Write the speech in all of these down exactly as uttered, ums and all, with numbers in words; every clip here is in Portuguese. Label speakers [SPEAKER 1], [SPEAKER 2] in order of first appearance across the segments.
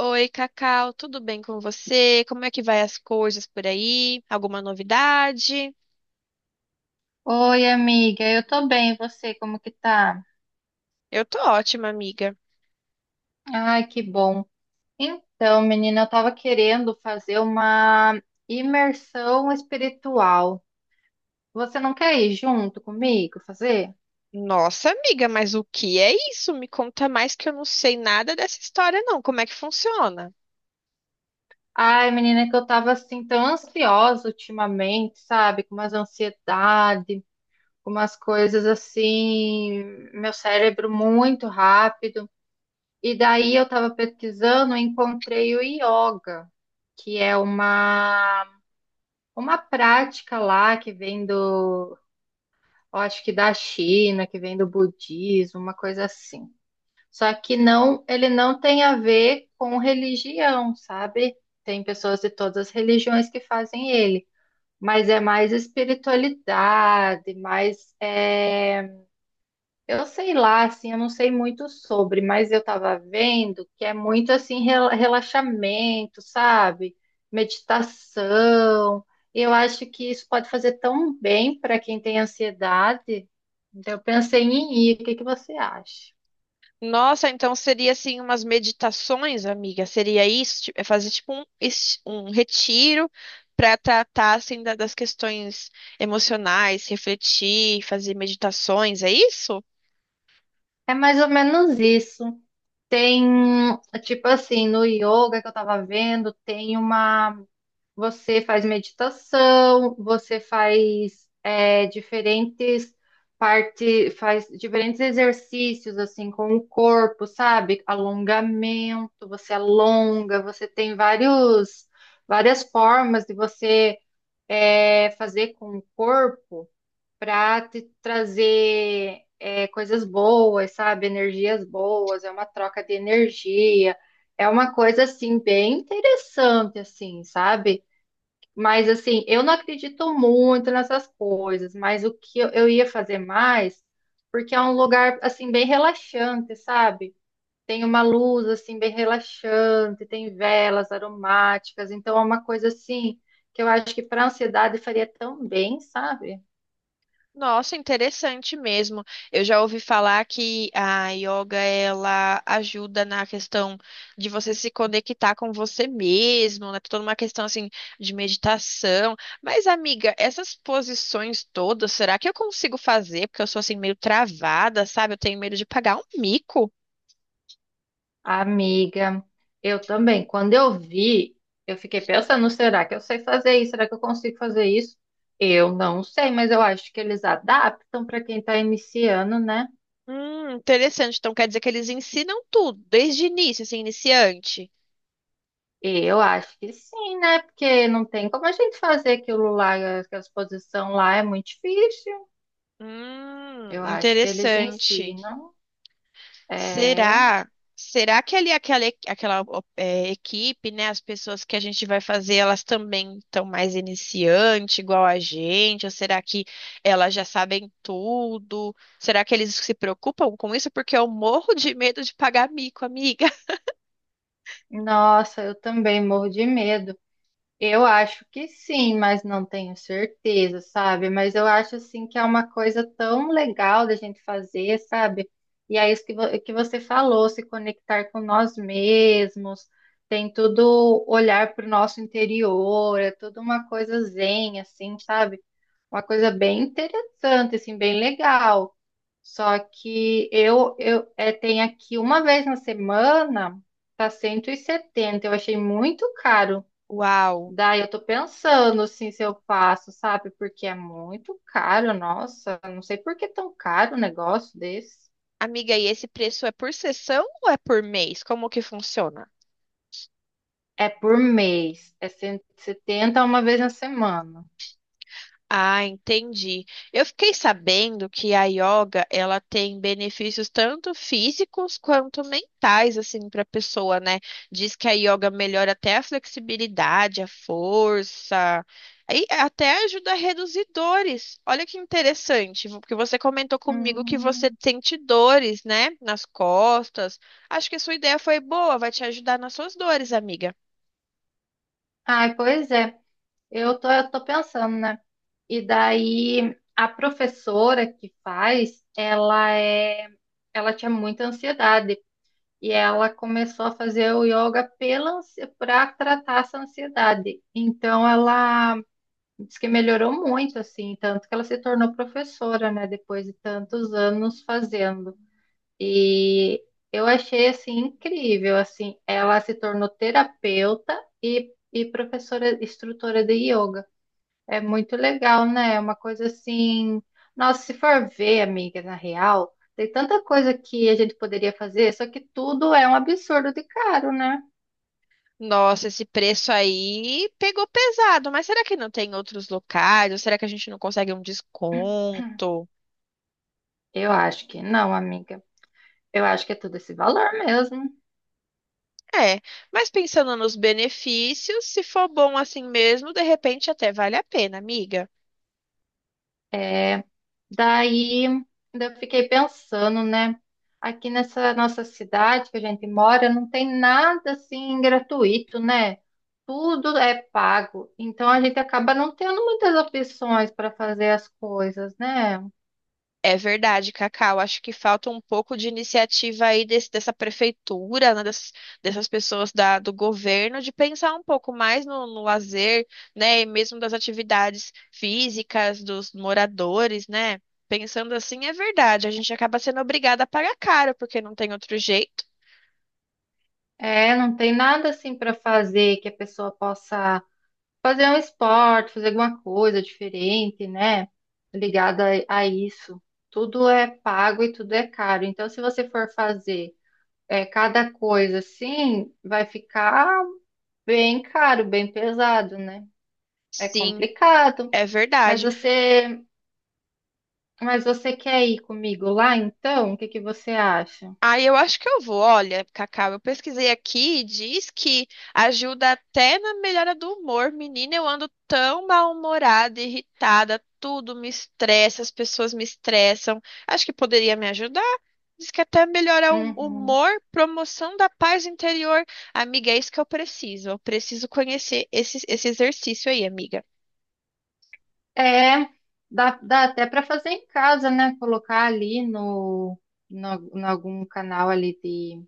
[SPEAKER 1] Oi, Cacau, tudo bem com você? Como é que vai as coisas por aí? Alguma novidade?
[SPEAKER 2] Oi, amiga, eu tô bem, e você, como que tá?
[SPEAKER 1] Eu tô ótima, amiga.
[SPEAKER 2] Ai, que bom. Então, menina, eu tava querendo fazer uma imersão espiritual. Você não quer ir junto comigo fazer?
[SPEAKER 1] Nossa, amiga, mas o que é isso? Me conta mais que eu não sei nada dessa história, não. Como é que funciona?
[SPEAKER 2] Ai, menina, que eu tava assim tão ansiosa ultimamente, sabe? Com umas ansiedade, com umas coisas assim, meu cérebro muito rápido. E daí eu tava pesquisando e encontrei o yoga, que é uma uma prática lá que vem do, eu acho que da China, que vem do budismo, uma coisa assim. Só que não, ele não tem a ver com religião, sabe? Tem pessoas de todas as religiões que fazem ele, mas é mais espiritualidade, mais é, eu sei lá, assim, eu não sei muito sobre, mas eu tava vendo que é muito assim rela- relaxamento, sabe? Meditação. Eu acho que isso pode fazer tão bem para quem tem ansiedade. Então, eu pensei em ir. O que que você acha?
[SPEAKER 1] Nossa, então seria assim umas meditações, amiga? Seria isso? Tipo, é fazer tipo um, es- um retiro para tratar assim da- das questões emocionais, refletir, fazer meditações, é isso?
[SPEAKER 2] É mais ou menos isso. Tem, tipo assim, no yoga que eu tava vendo, tem uma. Você faz meditação, você faz é, diferentes parte, faz diferentes exercícios assim com o corpo, sabe? Alongamento, você alonga, você tem vários várias formas de você é, fazer com o corpo para te trazer é, coisas boas, sabe? Energias boas, é uma troca de energia. É uma coisa assim bem interessante assim, sabe? Mas assim, eu não acredito muito nessas coisas, mas o que eu, eu ia fazer mais, porque é um lugar assim bem relaxante, sabe? Tem uma luz assim bem relaxante, tem velas aromáticas, então é uma coisa assim que eu acho que para ansiedade faria tão bem, sabe?
[SPEAKER 1] Nossa, interessante mesmo. Eu já ouvi falar que a yoga ela ajuda na questão de você se conectar com você mesmo, né? Toda uma questão assim de meditação. Mas, amiga, essas posições todas, será que eu consigo fazer? Porque eu sou assim meio travada, sabe? Eu tenho medo de pagar um mico.
[SPEAKER 2] Amiga, eu também. Quando eu vi, eu fiquei pensando, será que eu sei fazer isso? Será que eu consigo fazer isso? Eu não sei, mas eu acho que eles adaptam para quem está iniciando, né?
[SPEAKER 1] Hum, interessante. Então quer dizer que eles ensinam tudo desde início, assim, iniciante.
[SPEAKER 2] Eu acho que sim, né? Porque não tem como a gente fazer aquilo lá, aquela a exposição lá é muito difícil.
[SPEAKER 1] Hum,
[SPEAKER 2] Eu acho que eles
[SPEAKER 1] interessante.
[SPEAKER 2] ensinam. É.
[SPEAKER 1] Será? Será que ali aquela, e- aquela é, equipe, né? As pessoas que a gente vai fazer, elas também estão mais iniciante, igual a gente? Ou será que elas já sabem tudo? Será que eles se preocupam com isso? Porque eu morro de medo de pagar mico, amiga.
[SPEAKER 2] Nossa, eu também morro de medo. Eu acho que sim, mas não tenho certeza, sabe? Mas eu acho assim que é uma coisa tão legal da gente fazer, sabe? E é isso que, vo- que você falou, se conectar com nós mesmos, tem tudo olhar para o nosso interior, é tudo uma coisa zen, assim, sabe? Uma coisa bem interessante, assim, bem legal. Só que eu, eu é, tenho aqui uma vez na semana, tá cento e setenta, eu achei muito caro.
[SPEAKER 1] Uau!
[SPEAKER 2] Daí eu tô pensando assim se eu faço, sabe? Porque é muito caro, nossa, não sei por que é tão caro um negócio desse.
[SPEAKER 1] Amiga, e esse preço é por sessão ou é por mês? Como que funciona?
[SPEAKER 2] É por mês, é cento e setenta uma vez na semana.
[SPEAKER 1] Ah, entendi. Eu fiquei sabendo que a yoga, ela tem benefícios tanto físicos quanto mentais, assim, para a pessoa, né? Diz que a yoga melhora até a flexibilidade, a força, e até ajuda a reduzir dores. Olha que interessante, porque você comentou comigo que você
[SPEAKER 2] Hum.
[SPEAKER 1] sente dores, né, nas costas. Acho que a sua ideia foi boa, vai te ajudar nas suas dores, amiga.
[SPEAKER 2] Ai, pois é. Eu tô, eu tô pensando, né? E daí a professora que faz, ela é, ela tinha muita ansiedade e ela começou a fazer o yoga pela, para tratar essa ansiedade. Então ela. Diz que melhorou muito, assim, tanto que ela se tornou professora, né, depois de tantos anos fazendo. E eu achei, assim, incrível, assim, ela se tornou terapeuta e, e professora, instrutora de yoga. É muito legal, né? É uma coisa assim. Nossa, se for ver, amiga, na real, tem tanta coisa que a gente poderia fazer, só que tudo é um absurdo de caro, né?
[SPEAKER 1] Nossa, esse preço aí pegou pesado, mas será que não tem outros locais? Ou será que a gente não consegue um desconto?
[SPEAKER 2] Eu acho que não, amiga. Eu acho que é tudo esse valor mesmo.
[SPEAKER 1] É, mas pensando nos benefícios, se for bom assim mesmo, de repente até vale a pena, amiga.
[SPEAKER 2] é Daí, eu fiquei pensando, né? Aqui nessa nossa cidade que a gente mora, não tem nada assim gratuito, né? Tudo é pago. Então a gente acaba não tendo muitas opções para fazer as coisas, né?
[SPEAKER 1] É verdade, Cacau. Acho que falta um pouco de iniciativa aí desse- dessa prefeitura, né, dessas, dessas pessoas da- do governo, de pensar um pouco mais no, no lazer, né, e mesmo das atividades físicas dos moradores, né? Pensando assim, é verdade. A gente acaba sendo obrigada a pagar caro, porque não tem outro jeito.
[SPEAKER 2] É, não tem nada assim para fazer que a pessoa possa fazer um esporte, fazer alguma coisa diferente, né? Ligada a a isso. Tudo é pago e tudo é caro. Então, se você for fazer é, cada coisa assim vai ficar bem caro, bem pesado, né? É
[SPEAKER 1] Sim,
[SPEAKER 2] complicado.
[SPEAKER 1] é
[SPEAKER 2] Mas
[SPEAKER 1] verdade.
[SPEAKER 2] você, mas você quer ir comigo lá então? O que que você acha?
[SPEAKER 1] Aí eu acho que eu vou. Olha, Cacau, eu pesquisei aqui e diz que ajuda até na melhora do humor. Menina, eu ando tão mal-humorada, irritada, tudo me estressa, as pessoas me estressam. Acho que poderia me ajudar. Diz que até melhora o
[SPEAKER 2] Uhum.
[SPEAKER 1] humor, promoção da paz interior. Amiga, é isso que eu preciso. Eu preciso conhecer esse, esse exercício aí, amiga.
[SPEAKER 2] É, dá, dá até para fazer em casa, né? Colocar ali no, no, no algum canal ali de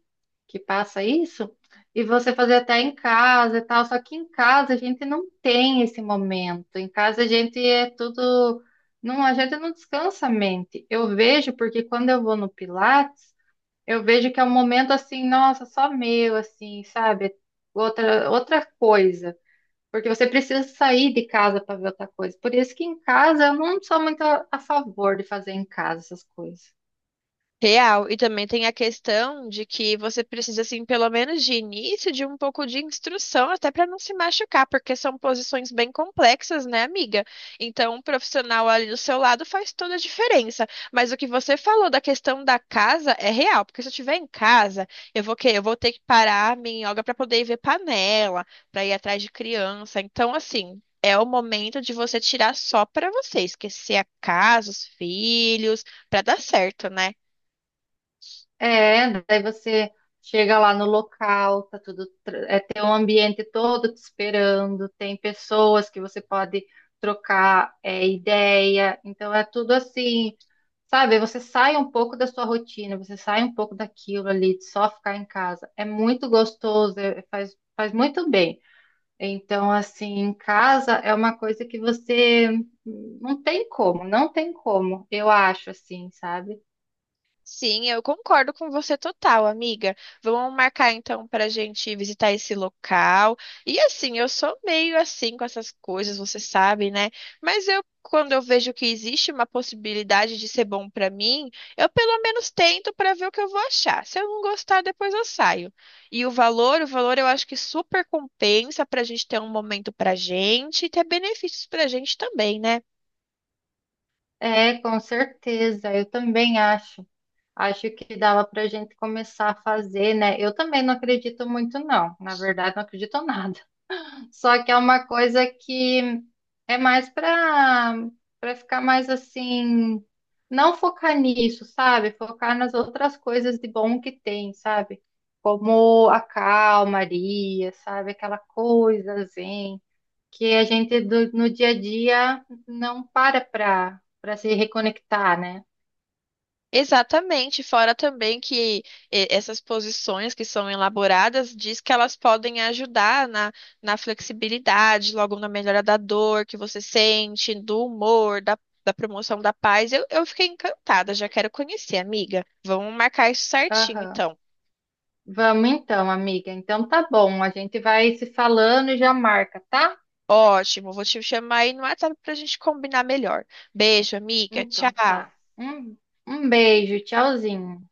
[SPEAKER 2] que passa isso, e você fazer até em casa e tal, só que em casa a gente não tem esse momento. Em casa a gente é tudo, não, a gente não descansa a mente. Eu vejo porque quando eu vou no Pilates, eu vejo que é um momento assim, nossa, só meu, assim, sabe? Outra outra coisa. Porque você precisa sair de casa para ver outra coisa. Por isso que em casa eu não sou muito a a favor de fazer em casa essas coisas.
[SPEAKER 1] Real, e também tem a questão de que você precisa, assim, pelo menos de início, de um pouco de instrução, até para não se machucar, porque são posições bem complexas, né, amiga? Então, um profissional ali do seu lado faz toda a diferença. Mas o que você falou da questão da casa é real, porque se eu estiver em casa, eu vou quê? Eu vou ter que parar a minha yoga para poder ver panela, para ir atrás de criança. Então, assim, é o momento de você tirar só para você, esquecer a casa, os filhos, para dar certo, né?
[SPEAKER 2] É, daí você chega lá no local, tá tudo, tra- é, tem um ambiente todo te esperando, tem pessoas que você pode trocar é, ideia, então é tudo assim, sabe? Você sai um pouco da sua rotina, você sai um pouco daquilo ali, de só ficar em casa. É muito gostoso, é- faz, faz muito bem. Então, assim, em casa é uma coisa que você hum, não tem como, não tem como, eu acho assim, sabe?
[SPEAKER 1] Sim, eu concordo com você total, amiga. Vamos marcar então para a gente visitar esse local. E assim, eu sou meio assim com essas coisas, você sabe, né? Mas eu, quando eu vejo que existe uma possibilidade de ser bom para mim, eu pelo menos tento para ver o que eu vou achar. Se eu não gostar, depois eu saio. E o valor, o valor eu acho que super compensa para a gente ter um momento para gente e ter benefícios para a gente também, né?
[SPEAKER 2] É, com certeza, eu também acho. Acho que dava para a gente começar a fazer, né? Eu também não acredito muito, não. Na verdade, não acredito em nada. Só que é uma coisa que é mais para para ficar mais assim, não focar nisso, sabe? Focar nas outras coisas de bom que tem, sabe? Como a calmaria, sabe? Aquela coisa zen que a gente do- no dia a dia não para para para se reconectar, né?
[SPEAKER 1] Exatamente, fora também que eh, essas posições que são elaboradas diz que elas podem ajudar na, na flexibilidade, logo na melhora da dor que você sente, do humor, da, da promoção da paz. Eu, eu fiquei encantada, já quero conhecer, amiga. Vamos marcar isso certinho,
[SPEAKER 2] Aham.
[SPEAKER 1] então.
[SPEAKER 2] Vamos então, amiga. Então tá bom, a gente vai se falando e já marca, tá?
[SPEAKER 1] Ótimo, vou te chamar aí no WhatsApp para a gente combinar melhor. Beijo, amiga.
[SPEAKER 2] Então
[SPEAKER 1] Tchau.
[SPEAKER 2] tá. Um, um beijo, tchauzinho.